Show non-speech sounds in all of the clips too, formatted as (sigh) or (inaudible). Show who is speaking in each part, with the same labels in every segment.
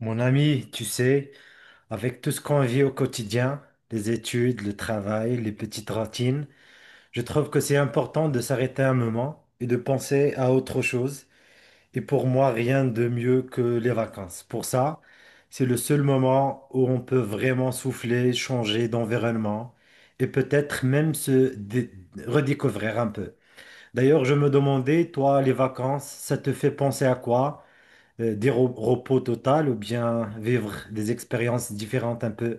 Speaker 1: Mon ami, tu sais, avec tout ce qu'on vit au quotidien, les études, le travail, les petites routines, je trouve que c'est important de s'arrêter un moment et de penser à autre chose. Et pour moi, rien de mieux que les vacances. Pour ça, c'est le seul moment où on peut vraiment souffler, changer d'environnement et peut-être même se redécouvrir un peu. D'ailleurs, je me demandais, toi, les vacances, ça te fait penser à quoi? Des repos total ou bien vivre des expériences différentes un peu.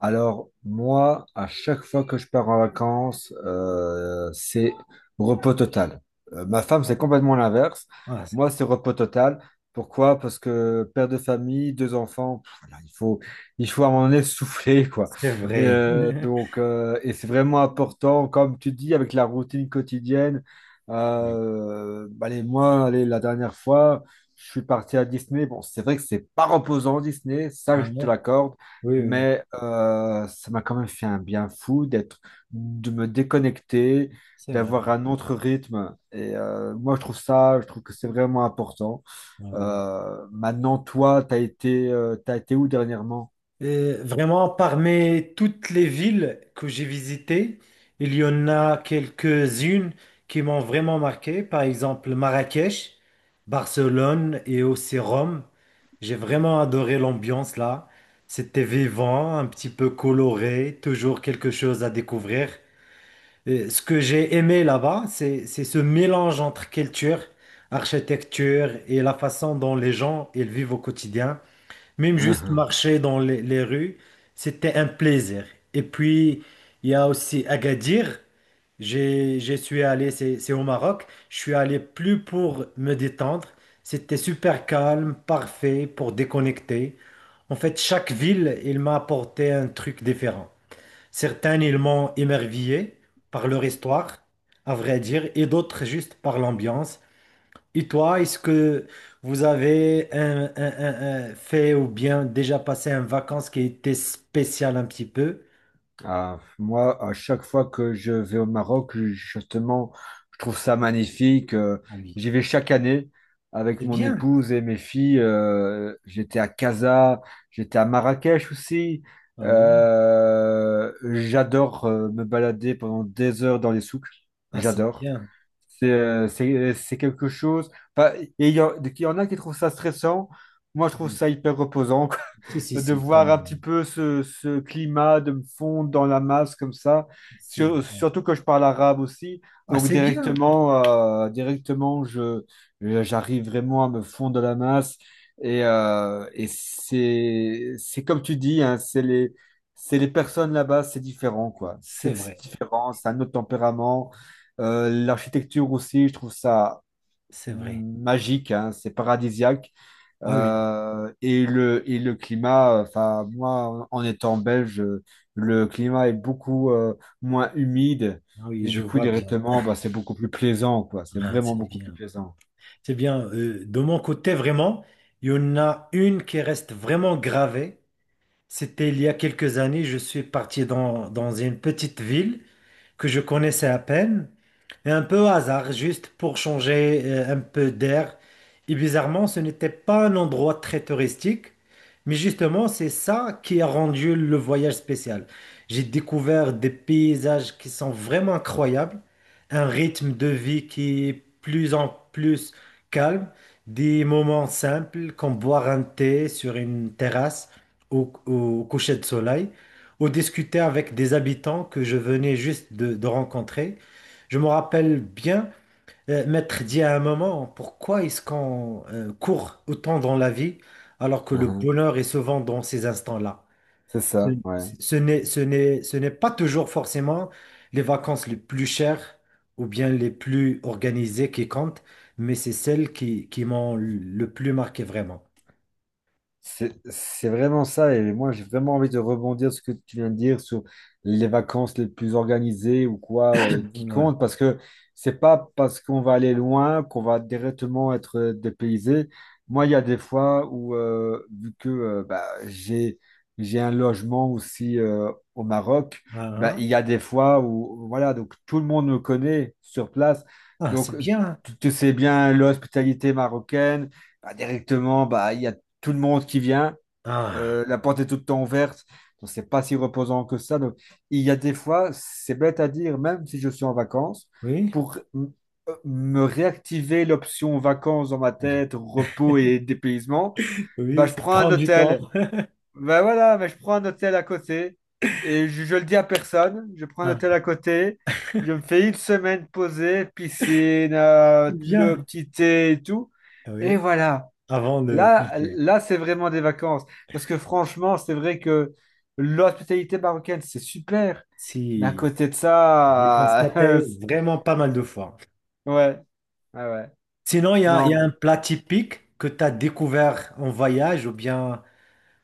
Speaker 2: Alors, moi, à chaque fois que je pars en vacances, c'est repos total. Ma femme, c'est complètement l'inverse.
Speaker 1: Ah, c'est
Speaker 2: Moi, c'est repos total. Pourquoi? Parce que père de famille, deux enfants, pff, voilà, il faut à un moment donné souffler, (laughs) quoi.
Speaker 1: c'est
Speaker 2: Et,
Speaker 1: vrai.
Speaker 2: euh,
Speaker 1: (laughs)
Speaker 2: donc, euh, et c'est vraiment important, comme tu dis, avec la routine quotidienne. Bah, allez, moi, allez, la dernière fois, je suis parti à Disney. Bon, c'est vrai que c'est pas reposant, Disney, ça,
Speaker 1: Ah
Speaker 2: je te
Speaker 1: ouais,
Speaker 2: l'accorde.
Speaker 1: oui, oui,
Speaker 2: Mais ça m'a quand même fait un bien fou de me déconnecter,
Speaker 1: c'est vrai.
Speaker 2: d'avoir un autre rythme. Et moi, je trouve que c'est vraiment important.
Speaker 1: Ah oui.
Speaker 2: Maintenant, toi, t'as été où dernièrement?
Speaker 1: Vraiment, parmi toutes les villes que j'ai visitées, il y en a quelques-unes qui m'ont vraiment marqué. Par exemple, Marrakech, Barcelone et aussi Rome. J'ai vraiment adoré l'ambiance là. C'était vivant, un petit peu coloré, toujours quelque chose à découvrir. Ce que j'ai aimé là-bas, c'est ce mélange entre culture, architecture et la façon dont les gens ils vivent au quotidien. Même juste marcher dans les rues, c'était un plaisir. Et puis, il y a aussi Agadir. Je suis allé, c'est au Maroc, je suis allé plus pour me détendre. C'était super calme, parfait pour déconnecter. En fait, chaque ville, il m'a apporté un truc différent. Certains, ils m'ont émerveillé par leur histoire, à vrai dire, et d'autres juste par l'ambiance. Et toi, est-ce que vous avez un fait ou bien déjà passé une vacances qui était spéciale un petit peu?
Speaker 2: Ah, moi, à chaque fois que je vais au Maroc, justement, je trouve ça magnifique.
Speaker 1: Ah oui,
Speaker 2: J'y vais chaque année avec
Speaker 1: c'est
Speaker 2: mon
Speaker 1: bien.
Speaker 2: épouse et mes filles. J'étais à Casa, j'étais à Marrakech aussi.
Speaker 1: Ah oui,
Speaker 2: J'adore me balader pendant des heures dans les souks.
Speaker 1: ah, c'est
Speaker 2: J'adore.
Speaker 1: bien.
Speaker 2: C'est quelque chose. Enfin, il y en a qui trouvent ça stressant. Moi, je trouve
Speaker 1: Oui.
Speaker 2: ça hyper reposant, quoi,
Speaker 1: Si,
Speaker 2: (laughs)
Speaker 1: si,
Speaker 2: de
Speaker 1: si,
Speaker 2: voir un petit
Speaker 1: comme
Speaker 2: peu ce climat, de me fondre dans la masse comme ça.
Speaker 1: c'est vrai.
Speaker 2: Surtout que je parle arabe aussi.
Speaker 1: Ah,
Speaker 2: Donc,
Speaker 1: c'est bien.
Speaker 2: directement, euh, directement je, j'arrive vraiment à me fondre dans la masse. Et c'est comme tu dis, hein, c'est les personnes là-bas, c'est différent, quoi.
Speaker 1: C'est
Speaker 2: C'est
Speaker 1: vrai,
Speaker 2: différent, c'est un autre tempérament. L'architecture aussi, je trouve ça
Speaker 1: c'est vrai.
Speaker 2: magique, hein, c'est paradisiaque.
Speaker 1: Ah oui,
Speaker 2: Et le climat, enfin, moi, en étant belge, le climat est beaucoup moins humide.
Speaker 1: ah oui,
Speaker 2: Et
Speaker 1: je
Speaker 2: du coup,
Speaker 1: vois bien.
Speaker 2: directement, bah, c'est beaucoup plus plaisant, quoi. C'est
Speaker 1: Ah,
Speaker 2: vraiment
Speaker 1: c'est
Speaker 2: beaucoup plus
Speaker 1: bien.
Speaker 2: plaisant.
Speaker 1: C'est bien. De mon côté, vraiment, il y en a une qui reste vraiment gravée. C'était il y a quelques années, je suis parti dans une petite ville que je connaissais à peine. Et un peu au hasard, juste pour changer un peu d'air. Et bizarrement, ce n'était pas un endroit très touristique, mais justement, c'est ça qui a rendu le voyage spécial. J'ai découvert des paysages qui sont vraiment incroyables, un rythme de vie qui est plus en plus calme, des moments simples comme boire un thé sur une terrasse au coucher de soleil, ou discuter avec des habitants que je venais juste de rencontrer. Je me rappelle bien, Maître dit à un moment, pourquoi est-ce qu'on court autant dans la vie alors que le
Speaker 2: Mhm.
Speaker 1: bonheur est souvent dans ces instants-là?
Speaker 2: C'est
Speaker 1: Ce,
Speaker 2: ça, ouais.
Speaker 1: ce n'est pas toujours forcément les vacances les plus chères ou bien les plus organisées qui comptent, mais c'est celles qui m'ont le plus marqué vraiment.
Speaker 2: C'est vraiment ça, et moi j'ai vraiment envie de rebondir sur ce que tu viens de dire sur les vacances les plus organisées ou quoi qui
Speaker 1: Ouais.
Speaker 2: comptent, parce que c'est pas parce qu'on va aller loin qu'on va directement être dépaysé. Moi, il y a des fois où, vu que bah, j'ai un logement aussi au Maroc, bah,
Speaker 1: Ah,
Speaker 2: il y a des fois où, voilà, donc tout le monde me connaît sur place,
Speaker 1: ah,
Speaker 2: donc
Speaker 1: c'est bien.
Speaker 2: tu sais bien l'hospitalité marocaine, bah, directement, bah, il y a tout le monde qui vient,
Speaker 1: Ah,
Speaker 2: la porte est tout le temps ouverte, donc c'est pas si reposant que ça. Donc il y a des fois, c'est bête à dire, même si je suis en vacances,
Speaker 1: oui,
Speaker 2: pour me réactiver l'option vacances dans ma tête, repos et dépaysement, bah
Speaker 1: oui,
Speaker 2: je
Speaker 1: ça
Speaker 2: prends un
Speaker 1: prend du temps.
Speaker 2: hôtel. Bah voilà, mais je prends un hôtel à côté et je le dis à personne, je prends un
Speaker 1: Ah,
Speaker 2: hôtel à côté. Je me fais une semaine posée, piscine, le
Speaker 1: bien.
Speaker 2: petit thé et tout. Et
Speaker 1: Oui,
Speaker 2: voilà.
Speaker 1: avant de partir.
Speaker 2: Là, c'est vraiment des vacances. Parce que franchement, c'est vrai que l'hospitalité marocaine, c'est super. Mais à
Speaker 1: Si.
Speaker 2: côté de
Speaker 1: J'ai
Speaker 2: ça, (laughs)
Speaker 1: constaté vraiment pas mal de fois.
Speaker 2: ouais, ouais.
Speaker 1: Sinon, il y a
Speaker 2: Non.
Speaker 1: un plat typique que tu as découvert en voyage ou bien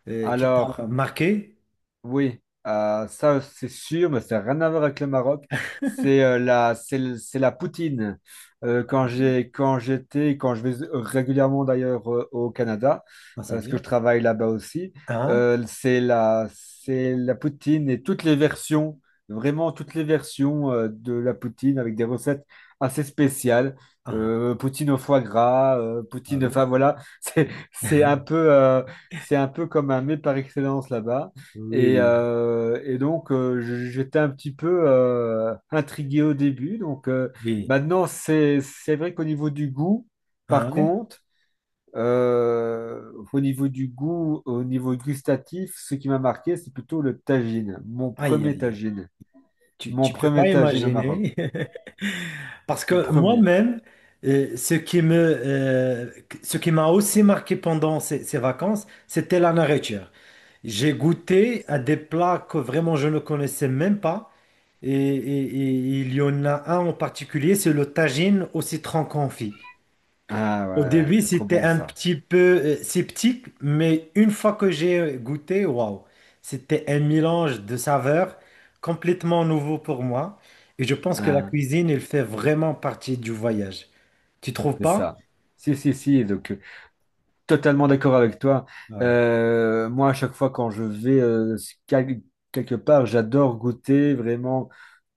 Speaker 1: qui
Speaker 2: Alors,
Speaker 1: t'a marqué.
Speaker 2: oui, ça c'est sûr, mais ça n'a rien à voir avec le Maroc. C'est la poutine. Quand j'ai, quand j'étais, quand je vais régulièrement d'ailleurs au Canada,
Speaker 1: Ah, c'est
Speaker 2: parce que
Speaker 1: bien.
Speaker 2: je travaille là-bas aussi,
Speaker 1: Hein?
Speaker 2: c'est la poutine et toutes les versions, vraiment toutes les versions de la poutine avec des recettes assez spéciales.
Speaker 1: Ah,
Speaker 2: Poutine au foie gras,
Speaker 1: ah
Speaker 2: poutine,
Speaker 1: oui.
Speaker 2: enfin voilà, (laughs) c'est un peu comme un mets par excellence là-bas.
Speaker 1: Oui,
Speaker 2: Et,
Speaker 1: oui,
Speaker 2: euh, et donc, euh, j- j'étais un petit peu intrigué au début.
Speaker 1: oui.
Speaker 2: Maintenant, c'est vrai qu'au niveau du goût,
Speaker 1: Ah
Speaker 2: par
Speaker 1: ouais.
Speaker 2: contre, au niveau du goût, au niveau gustatif, ce qui m'a marqué, c'est plutôt le tagine. Mon
Speaker 1: Aïe,
Speaker 2: premier
Speaker 1: aïe, aïe.
Speaker 2: tagine. Mon
Speaker 1: Tu peux pas
Speaker 2: premier tagine au Maroc.
Speaker 1: imaginer. (laughs) Parce
Speaker 2: Mon
Speaker 1: que
Speaker 2: premier.
Speaker 1: moi-même, euh, ce qui me, euh, ce qui m'a aussi marqué pendant ces vacances, c'était la nourriture. J'ai goûté à des plats que vraiment je ne connaissais même pas. Et il y en a un en particulier, c'est le tagine au citron confit.
Speaker 2: Ah
Speaker 1: Au
Speaker 2: ouais,
Speaker 1: début,
Speaker 2: c'est trop
Speaker 1: c'était
Speaker 2: bon
Speaker 1: un
Speaker 2: ça.
Speaker 1: petit peu sceptique, mais une fois que j'ai goûté, waouh, c'était un mélange de saveurs complètement nouveau pour moi. Et je pense que la
Speaker 2: Hein,
Speaker 1: cuisine, elle fait vraiment partie du voyage. Tu trouves
Speaker 2: c'est
Speaker 1: pas?
Speaker 2: ça. Si, si, si. Donc, totalement d'accord avec toi.
Speaker 1: Ah,
Speaker 2: Moi, à chaque fois quand je vais quel- quelque part, j'adore goûter vraiment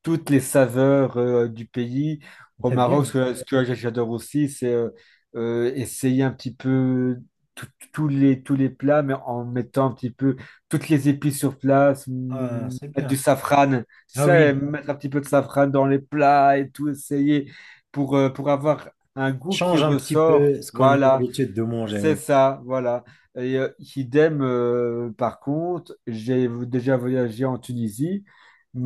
Speaker 2: toutes les saveurs du pays. Au
Speaker 1: c'est bien.
Speaker 2: Maroc, ce que j'adore aussi, c'est essayer un petit peu tout- tous les plats, mais en mettant un petit peu toutes les épices sur place,
Speaker 1: Ah,
Speaker 2: mm,
Speaker 1: c'est
Speaker 2: mettre
Speaker 1: bien.
Speaker 2: du safran,
Speaker 1: Ah
Speaker 2: ça
Speaker 1: oui,
Speaker 2: mettre un petit peu de safran dans les plats et tout, essayer pour avoir un goût qui
Speaker 1: change un petit
Speaker 2: ressort.
Speaker 1: peu ce qu'on a
Speaker 2: Voilà.
Speaker 1: l'habitude de manger,
Speaker 2: C'est
Speaker 1: oui.
Speaker 2: ça, voilà. Et idem, par contre, j'ai déjà voyagé en Tunisie,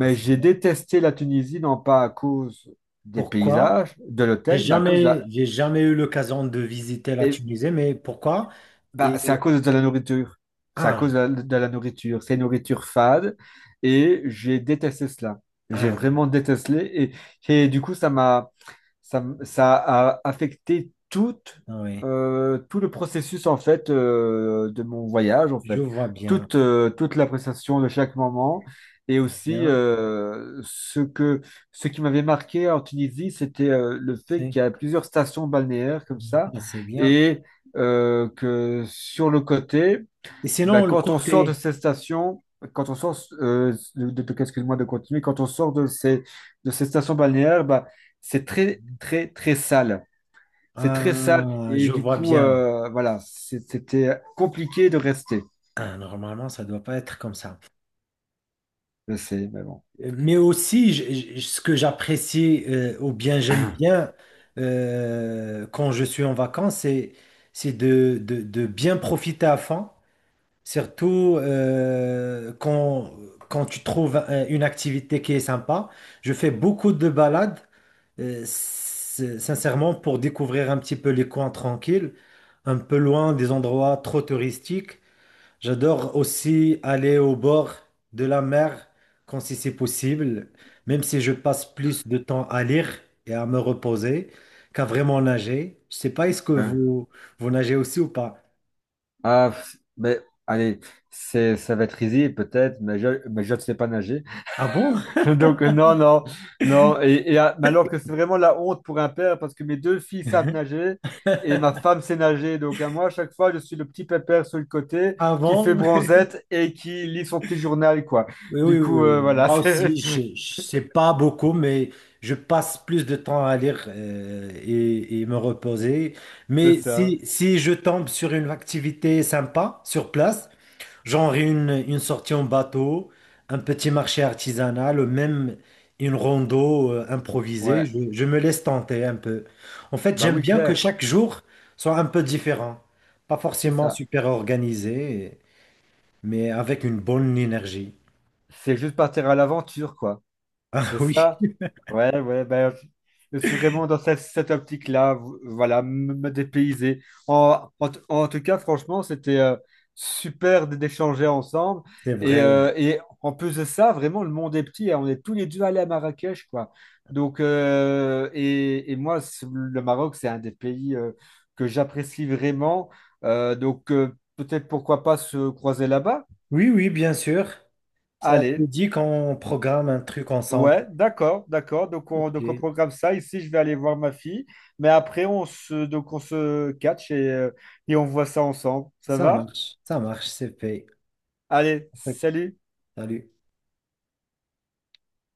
Speaker 1: Ah, c'est
Speaker 2: j'ai
Speaker 1: bon.
Speaker 2: détesté la Tunisie, non pas à cause des
Speaker 1: Pourquoi?
Speaker 2: paysages, de l'hôtel, mais à cause de la,
Speaker 1: J'ai jamais eu l'occasion de visiter la
Speaker 2: é-
Speaker 1: Tunisie, mais pourquoi?
Speaker 2: bah,
Speaker 1: Et,
Speaker 2: c'est à cause de la nourriture. C'est à cause
Speaker 1: ah,
Speaker 2: de de la nourriture. C'est une nourriture fade et j'ai détesté cela. J'ai
Speaker 1: ah,
Speaker 2: vraiment détesté, et du coup, ça m'a, ça, m- ça a affecté
Speaker 1: ah oui,
Speaker 2: tout le processus en fait de mon voyage en
Speaker 1: je
Speaker 2: fait.
Speaker 1: vois bien.
Speaker 2: Toute l'appréciation de chaque moment et
Speaker 1: C'est
Speaker 2: aussi
Speaker 1: bien,
Speaker 2: ce qui m'avait marqué en Tunisie, c'était le fait
Speaker 1: c'est
Speaker 2: qu'il y a plusieurs stations balnéaires comme ça
Speaker 1: ah, c'est bien.
Speaker 2: et que sur le côté,
Speaker 1: Et
Speaker 2: ben,
Speaker 1: sinon, le
Speaker 2: quand on sort de
Speaker 1: côté,
Speaker 2: ces stations, quand on sort, de- excuse-moi de continuer, quand on sort de ces stations balnéaires, ben, c'est très, très, très sale. C'est très sale
Speaker 1: ah,
Speaker 2: et
Speaker 1: je
Speaker 2: du
Speaker 1: vois
Speaker 2: coup,
Speaker 1: bien.
Speaker 2: voilà, c'était compliqué de rester.
Speaker 1: Ah, normalement, ça ne doit pas être comme ça.
Speaker 2: Je sais, mais bon.
Speaker 1: Mais aussi, ce que j'apprécie, ou bien j'aime bien quand je suis en vacances, c'est de bien profiter à fond. Surtout quand tu trouves une activité qui est sympa. Je fais beaucoup de balades, sincèrement, pour découvrir un petit peu les coins tranquilles, un peu loin des endroits trop touristiques. J'adore aussi aller au bord de la mer quand si c'est possible, même si je passe plus de temps à lire et à me reposer qu'à vraiment nager. Je sais pas, est-ce que
Speaker 2: Hein.
Speaker 1: vous, vous nagez aussi ou pas?
Speaker 2: Ah, mais allez, c'est, ça va être easy peut-être, mais je ne sais pas nager.
Speaker 1: Ah bon?
Speaker 2: (laughs) Donc, non. Mais alors que c'est vraiment la honte pour un père parce que mes deux filles savent nager et ma femme sait nager. Donc, à moi, à chaque fois, je suis le petit pépère sur le côté qui fait
Speaker 1: Avant?
Speaker 2: bronzette et qui lit son petit journal, quoi.
Speaker 1: Oui, oui,
Speaker 2: Du
Speaker 1: oui,
Speaker 2: coup,
Speaker 1: oui.
Speaker 2: voilà, (laughs)
Speaker 1: Moi aussi, je sais pas beaucoup, mais je passe plus de temps à lire et me reposer.
Speaker 2: c'est
Speaker 1: Mais
Speaker 2: ça.
Speaker 1: si je tombe sur une activité sympa sur place, genre une sortie en bateau, un petit marché artisanal, ou même une rando improvisée,
Speaker 2: Ouais.
Speaker 1: je me laisse tenter un peu. En fait,
Speaker 2: Bah
Speaker 1: j'aime
Speaker 2: oui,
Speaker 1: bien que
Speaker 2: Claire,
Speaker 1: chaque jour soit un peu différent, pas
Speaker 2: c'est
Speaker 1: forcément
Speaker 2: ça.
Speaker 1: super organisé, mais avec une bonne énergie. (laughs)
Speaker 2: C'est juste partir à l'aventure, quoi.
Speaker 1: Ah
Speaker 2: C'est
Speaker 1: oui.
Speaker 2: ça? Ouais, ouais, ben, je suis vraiment dans cette, cette optique-là, voilà, me dépayser. En tout cas, franchement, c'était super d'échanger ensemble.
Speaker 1: C'est vrai.
Speaker 2: Et en plus de ça, vraiment, le monde est petit, hein. On est tous les deux allés à Marrakech, quoi. Donc, et moi, le Maroc, c'est un des pays que j'apprécie vraiment. Donc, peut-être pourquoi pas se croiser là-bas?
Speaker 1: Oui, oui, bien sûr. Ça te
Speaker 2: Allez.
Speaker 1: dit qu'on programme un truc ensemble.
Speaker 2: Ouais, d'accord, d'accord.
Speaker 1: Ok,
Speaker 2: Donc on programme ça. Ici, je vais aller voir ma fille. Mais après, donc on se catch et on voit ça ensemble. Ça va?
Speaker 1: ça marche, c'est fait.
Speaker 2: Allez, salut!
Speaker 1: Salut.